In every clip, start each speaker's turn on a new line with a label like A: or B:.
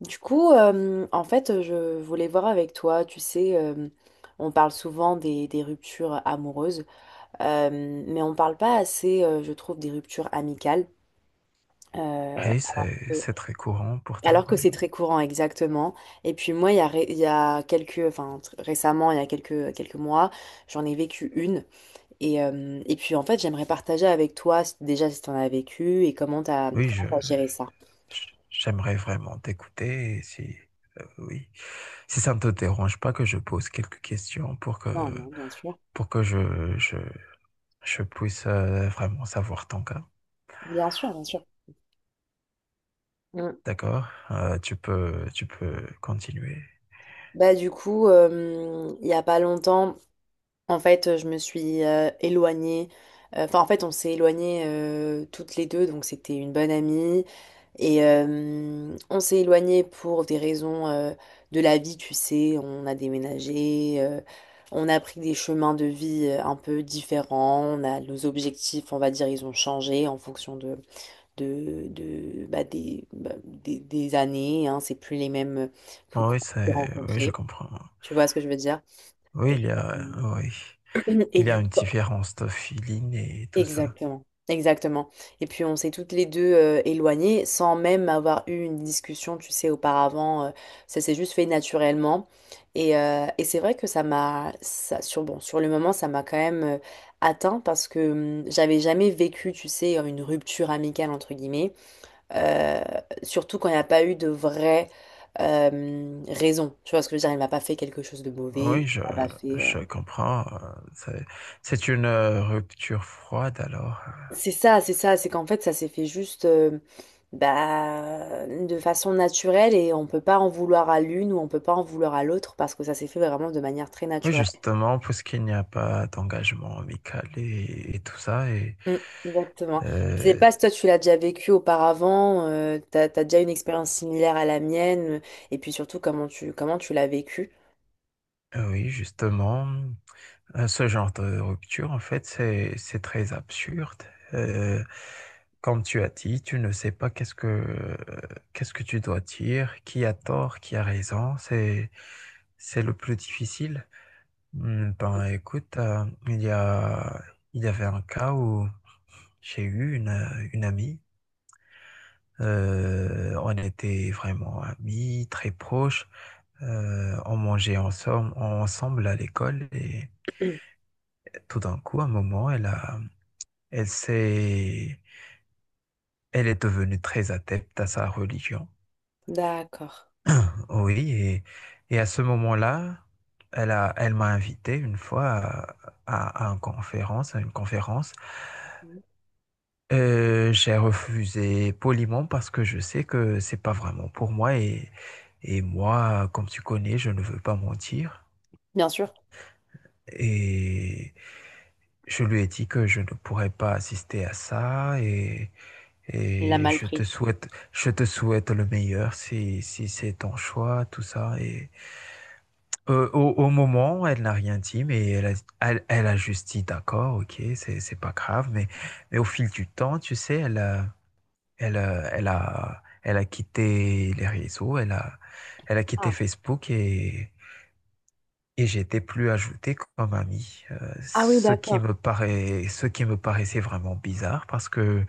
A: Je voulais voir avec toi, on parle souvent des ruptures amoureuses, euh, mais on parle pas assez, je trouve, des ruptures amicales, euh,
B: Oui,
A: euh,
B: c'est très courant pourtant.
A: alors que c'est
B: Oui,
A: très courant, exactement. Et puis moi, il y a quelques, récemment, il y a quelques mois, j'en ai vécu une. Et puis, en fait, j'aimerais partager avec toi, déjà, si tu en as vécu et
B: oui,
A: comment t'as géré ça.
B: j'aimerais vraiment t'écouter. Et si oui, si ça ne te dérange pas que je pose quelques questions pour que
A: Non, non, bien sûr.
B: je je puisse vraiment savoir ton cas.
A: Bien sûr, bien sûr. Mm.
B: D'accord? Tu peux tu peux continuer.
A: Il y a pas longtemps, en fait, je me suis éloignée. En fait, on s'est éloignés toutes les deux, donc c'était une bonne amie. On s'est éloignés pour des raisons de la vie, tu sais. On a déménagé, on a pris des chemins de vie un peu différents. On a nos objectifs, on va dire, ils ont changé en fonction de bah, des années, hein. C'est plus les mêmes que
B: Ah
A: qu'on
B: oui,
A: s'est
B: c'est oui, je
A: rencontrés.
B: comprends.
A: Tu vois ce que je veux dire?
B: Oui,
A: Et,
B: il y a oui,
A: et
B: il y
A: du
B: a
A: coup,
B: une
A: bah,
B: différence de feeling et tout ça.
A: exactement, exactement. Et puis on s'est toutes les deux éloignées sans même avoir eu une discussion, tu sais, auparavant. Ça s'est juste fait naturellement. Et c'est vrai que ça, sur, bon, sur le moment, ça m'a quand même atteint parce que j'avais jamais vécu, tu sais, une rupture amicale, entre guillemets. euh, surtout quand il n'y a pas eu de vraie raison. Tu vois ce que je veux dire? Il m'a pas fait quelque chose de mauvais.
B: Oui,
A: Il m'a pas fait.
B: je comprends. C'est une rupture froide alors.
A: C'est ça, c'est ça, c'est qu'en fait ça s'est fait juste de façon naturelle et on peut pas en vouloir à l'une ou on peut pas en vouloir à l'autre parce que ça s'est fait vraiment de manière très
B: Oui,
A: naturelle.
B: justement, puisqu'il n'y a pas d'engagement amical et tout ça. Et
A: Mm, exactement. Je sais
B: euh,
A: pas si toi tu l'as déjà vécu auparavant, t'as déjà une expérience similaire à la mienne, et puis surtout comment tu l'as vécu.
B: oui, justement, ce genre de rupture, en fait, c'est très absurde. Euh, Comme tu as dit, tu ne sais pas qu'est-ce que, qu'est-ce que tu dois dire, qui a tort, qui a raison. C'est le plus difficile. Hmm, ben écoute, il y a, il y avait un cas où j'ai eu une amie. On était vraiment amis, très proches. On mangeait ensemble, ensemble à l'école et
A: Mm.
B: tout d'un coup, à un moment, elle a, elle s'est, elle est devenue très adepte à sa religion.
A: D'accord.
B: Oui, et à ce moment-là, elle a, elle m'a invité une fois à, à une conférence, à une conférence.
A: Mhm.
B: J'ai refusé poliment parce que je sais que c'est pas vraiment pour moi et moi, comme tu connais, je ne veux pas mentir.
A: Bien sûr.
B: Et je lui ai dit que je ne pourrais pas assister à ça
A: Elle l'a
B: et
A: mal pris.
B: je te souhaite le meilleur si, si c'est ton choix, tout ça. Et au, au moment, elle n'a rien dit, mais elle a, elle, elle a juste dit d'accord, ok, c'est pas grave, mais au fil du temps, tu sais, elle a elle, elle a, elle a quitté les réseaux, elle a, elle a quitté
A: Ah.
B: Facebook et j'étais plus ajouté comme ami.
A: Ah oui,
B: Ce qui me
A: d'accord.
B: paraît, ce qui me paraissait vraiment bizarre parce que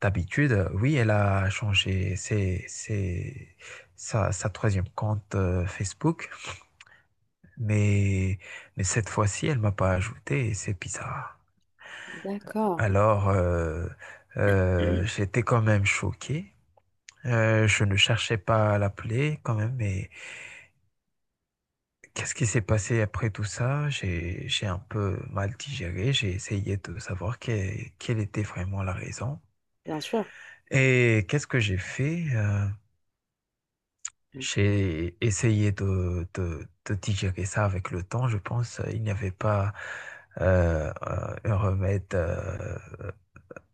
B: d'habitude, oui, elle a changé ses, sa, sa troisième compte Facebook, mais, mais cette fois-ci, elle m'a pas ajouté et c'est bizarre.
A: D'accord.
B: Alors, j'étais quand même choqué. Je ne cherchais pas à l'appeler quand même, mais qu'est-ce qui s'est passé après tout ça? J'ai un peu mal digéré, j'ai essayé de savoir quelle, quelle était vraiment la raison.
A: Bien sûr.
B: Et qu'est-ce que j'ai fait?
A: Mm,
B: J'ai essayé de, de digérer ça avec le temps, je pense. Il n'y avait pas un remède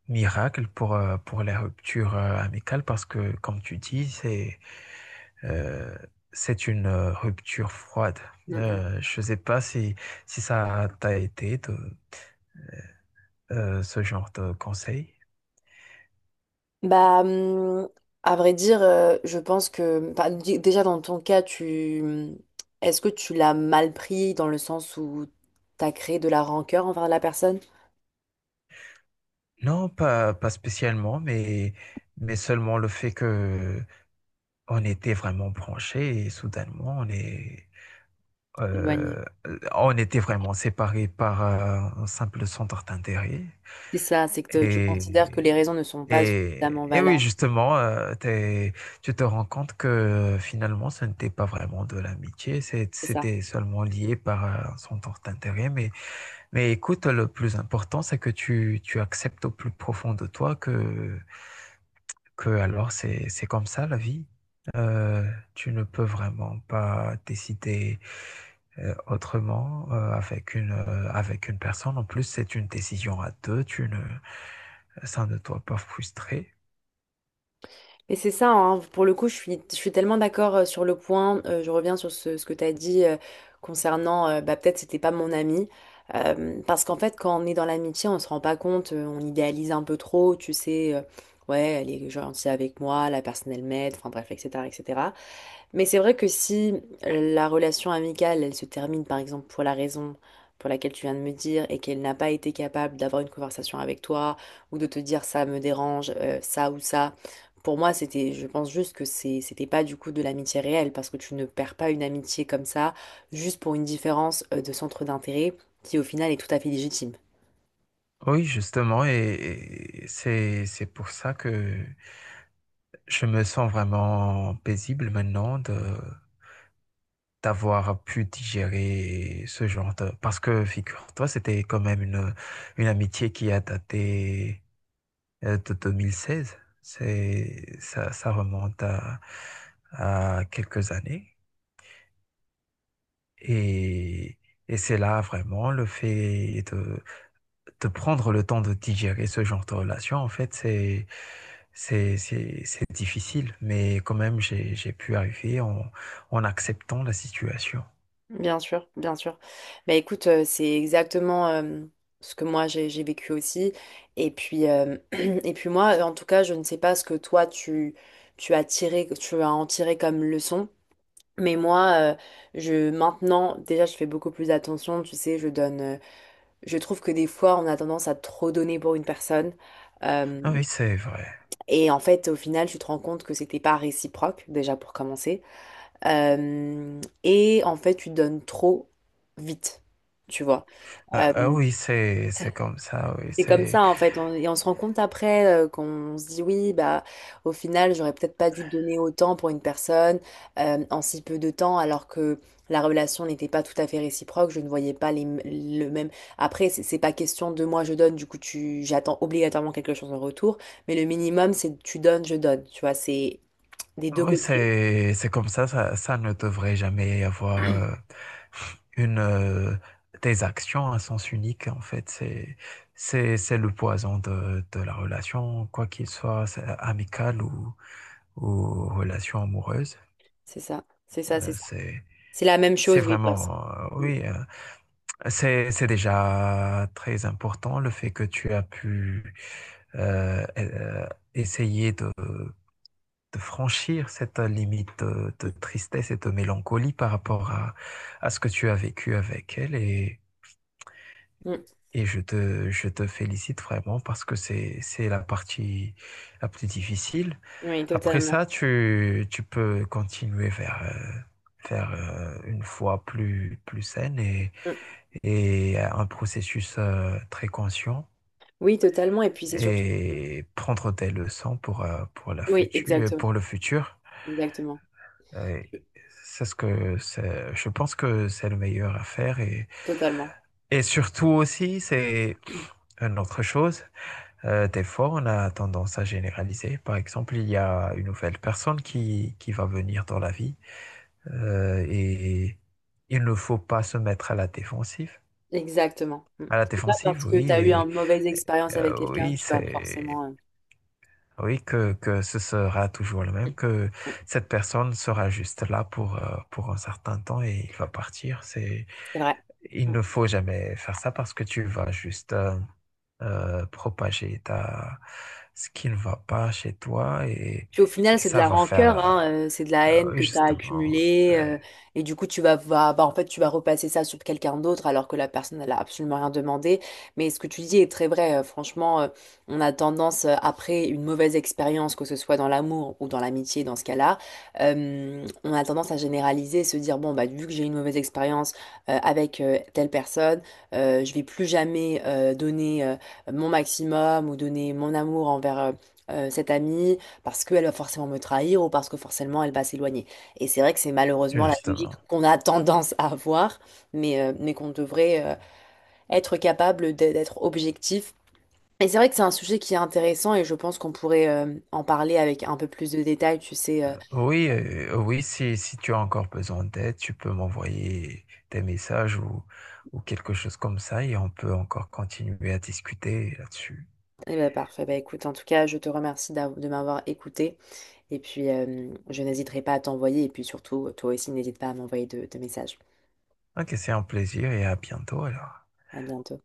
B: miracle pour la rupture amicales parce que, comme tu dis, euh, c'est une rupture froide.
A: mm, mm.
B: Je ne sais pas si, si ça t'a été ce genre de conseil.
A: Bah, hum, à vrai dire, je pense que bah, déjà dans ton cas, tu est-ce que tu l'as mal pris dans le sens où t'as créé de la rancœur envers la personne?
B: Non, pas, pas spécialement, mais seulement le fait que on était vraiment branchés et soudainement on est,
A: Éloigné.
B: euh, on était vraiment séparés par un simple centre d'intérêt.
A: C'est ça, c'est que tu considères que les
B: Et,
A: raisons ne sont pas suffisamment
B: et oui,
A: valables.
B: justement, tu te rends compte que finalement ce n'était pas vraiment de l'amitié,
A: C'est ça.
B: c'était seulement lié par un centre d'intérêt. Mais écoute, le plus important, c'est que tu acceptes au plus profond de toi que alors c'est comme ça la vie. Euh, tu ne peux vraiment pas décider autrement avec une personne. En plus, c'est une décision à deux. Tu ne ça ne doit pas frustrer.
A: Mais c'est ça, hein. Pour le coup, je suis tellement d'accord sur le point. Je reviens sur ce que tu as dit, concernant, bah, peut-être c'était pas mon ami. Parce qu'en fait, quand on est dans l'amitié, on se rend pas compte, on idéalise un peu trop, ouais, elle est gentille avec moi, la personne elle m'aide, enfin bref, etc., etc. Mais c'est vrai que si la relation amicale, elle se termine par exemple pour la raison pour laquelle tu viens de me dire et qu'elle n'a pas été capable d'avoir une conversation avec toi ou de te dire ça me dérange, ça ou ça, pour moi je pense juste que c'était pas du coup de l'amitié réelle parce que tu ne perds pas une amitié comme ça juste pour une différence de centre d'intérêt qui au final est tout à fait légitime.
B: Oui, justement, et c'est pour ça que je me sens vraiment paisible maintenant de d'avoir pu digérer ce genre de... Parce que, figure-toi, c'était quand même une amitié qui a daté de 2016. C'est, ça remonte à quelques années. Et, et c'est là vraiment le fait de prendre le temps de digérer ce genre de relation. En fait, c'est, c'est difficile, mais quand même, j'ai pu arriver en, en acceptant la situation.
A: Bien sûr, bien sûr. Bah écoute, c'est exactement, ce que moi j'ai vécu aussi. Et puis, euh, et puis moi, en tout cas, je ne sais pas ce que tu as tiré, tu as en tiré comme leçon. Mais moi, euh, je maintenant, déjà, je fais beaucoup plus attention. Tu sais, je donne. Je trouve que des fois, on a tendance à trop donner pour une personne. Euh,
B: Ah oui, c'est vrai.
A: et en fait, au final, tu te rends compte que c'était pas réciproque, déjà pour commencer. Et en fait, tu donnes trop vite, tu vois.
B: Ah,
A: Euh,
B: ah oui, c'est comme ça. Oui,
A: c'est comme
B: c'est.
A: ça, en fait. Et on se rend compte après qu'on se dit, oui, bah, au final, j'aurais peut-être pas dû donner autant pour une personne en si peu de temps, alors que la relation n'était pas tout à fait réciproque. Je ne voyais pas le même. Après, c'est pas question de moi, je donne, du coup, j'attends obligatoirement quelque chose en retour. Mais le minimum, c'est tu donnes, je donne. Tu vois, c'est des deux
B: Oui,
A: côtés.
B: c'est comme ça ne devrait jamais y avoir une, des actions à sens unique, en fait. C'est, c'est le poison de la relation, quoi qu'il soit, c'est amicale ou relation amoureuse.
A: C'est ça. C'est ça, c'est
B: Euh,
A: ça.
B: c'est,
A: C'est la même
B: c'est
A: chose, oui, passe.
B: vraiment,
A: Mm,
B: oui, c'est déjà très important le fait que tu as pu euh, euh, essayer de franchir cette limite de
A: mm,
B: tristesse et de mélancolie par rapport à ce que tu as vécu avec elle
A: mm.
B: et je te félicite vraiment parce que c'est la partie la plus difficile.
A: Oui,
B: Après
A: totalement.
B: ça, tu peux continuer vers, vers une foi plus, plus saine
A: Mm.
B: et un processus très conscient
A: Oui, totalement. Et puis c'est surtout.
B: et prendre tes leçons pour la
A: Oui,
B: future,
A: exactement.
B: pour le futur.
A: Exactement.
B: Euh, c'est ce que je pense que c'est le meilleur à faire
A: Totalement.
B: et surtout aussi, c'est une autre chose. Des fois, on a tendance à généraliser. Par exemple, il y a une nouvelle personne qui va venir dans la vie et il ne faut pas se mettre à la défensive.
A: Exactement. Mm.
B: À la
A: C'est pas parce
B: défensive,
A: que
B: oui,
A: tu as eu une mauvaise
B: et,
A: expérience avec quelqu'un que
B: oui,
A: tu vas
B: c'est.
A: forcément.
B: Oui, que ce sera toujours le
A: Mm,
B: même, que
A: mm.
B: cette personne sera juste là pour un certain temps et il va partir. C'est,
A: C'est vrai.
B: il ne faut jamais faire ça parce que tu vas juste propager ta, ce qui ne va pas chez toi
A: Puis au final,
B: et
A: c'est de
B: ça
A: la
B: va
A: rancœur,
B: faire
A: hein, c'est de la haine
B: oui,
A: que tu as
B: justement,
A: accumulée.
B: c'est
A: Et du coup, tu vas, va- bah, en fait, tu vas repasser ça sur quelqu'un d'autre alors que la personne, elle a absolument rien demandé. Mais ce que tu dis est très vrai. On a tendance, après une mauvaise expérience, que ce soit dans l'amour ou dans l'amitié, dans ce cas-là, on a tendance à généraliser, se dire, bon, bah, vu que j'ai eu une mauvaise expérience avec telle personne, je vais plus jamais donner, mon maximum ou donner mon amour envers... cet ami parce qu'elle va forcément me trahir ou parce que forcément elle va s'éloigner. Et c'est vrai que c'est malheureusement la logique
B: justement.
A: qu'on a tendance à avoir, mais qu'on devrait être capable d'être objectif. Et c'est vrai que c'est un sujet qui est intéressant et je pense qu'on pourrait en parler avec un peu plus de détails, tu sais.
B: Oui, oui, si, si tu as encore besoin d'aide, tu peux m'envoyer des messages ou quelque chose comme ça et on peut encore continuer à discuter là-dessus.
A: Eh ben parfait, bah écoute, en tout cas, je te remercie de m'avoir écouté et puis je n'hésiterai pas à t'envoyer et puis surtout, toi aussi, n'hésite pas à m'envoyer de messages.
B: Ok, c'est un plaisir et à bientôt alors.
A: À bientôt.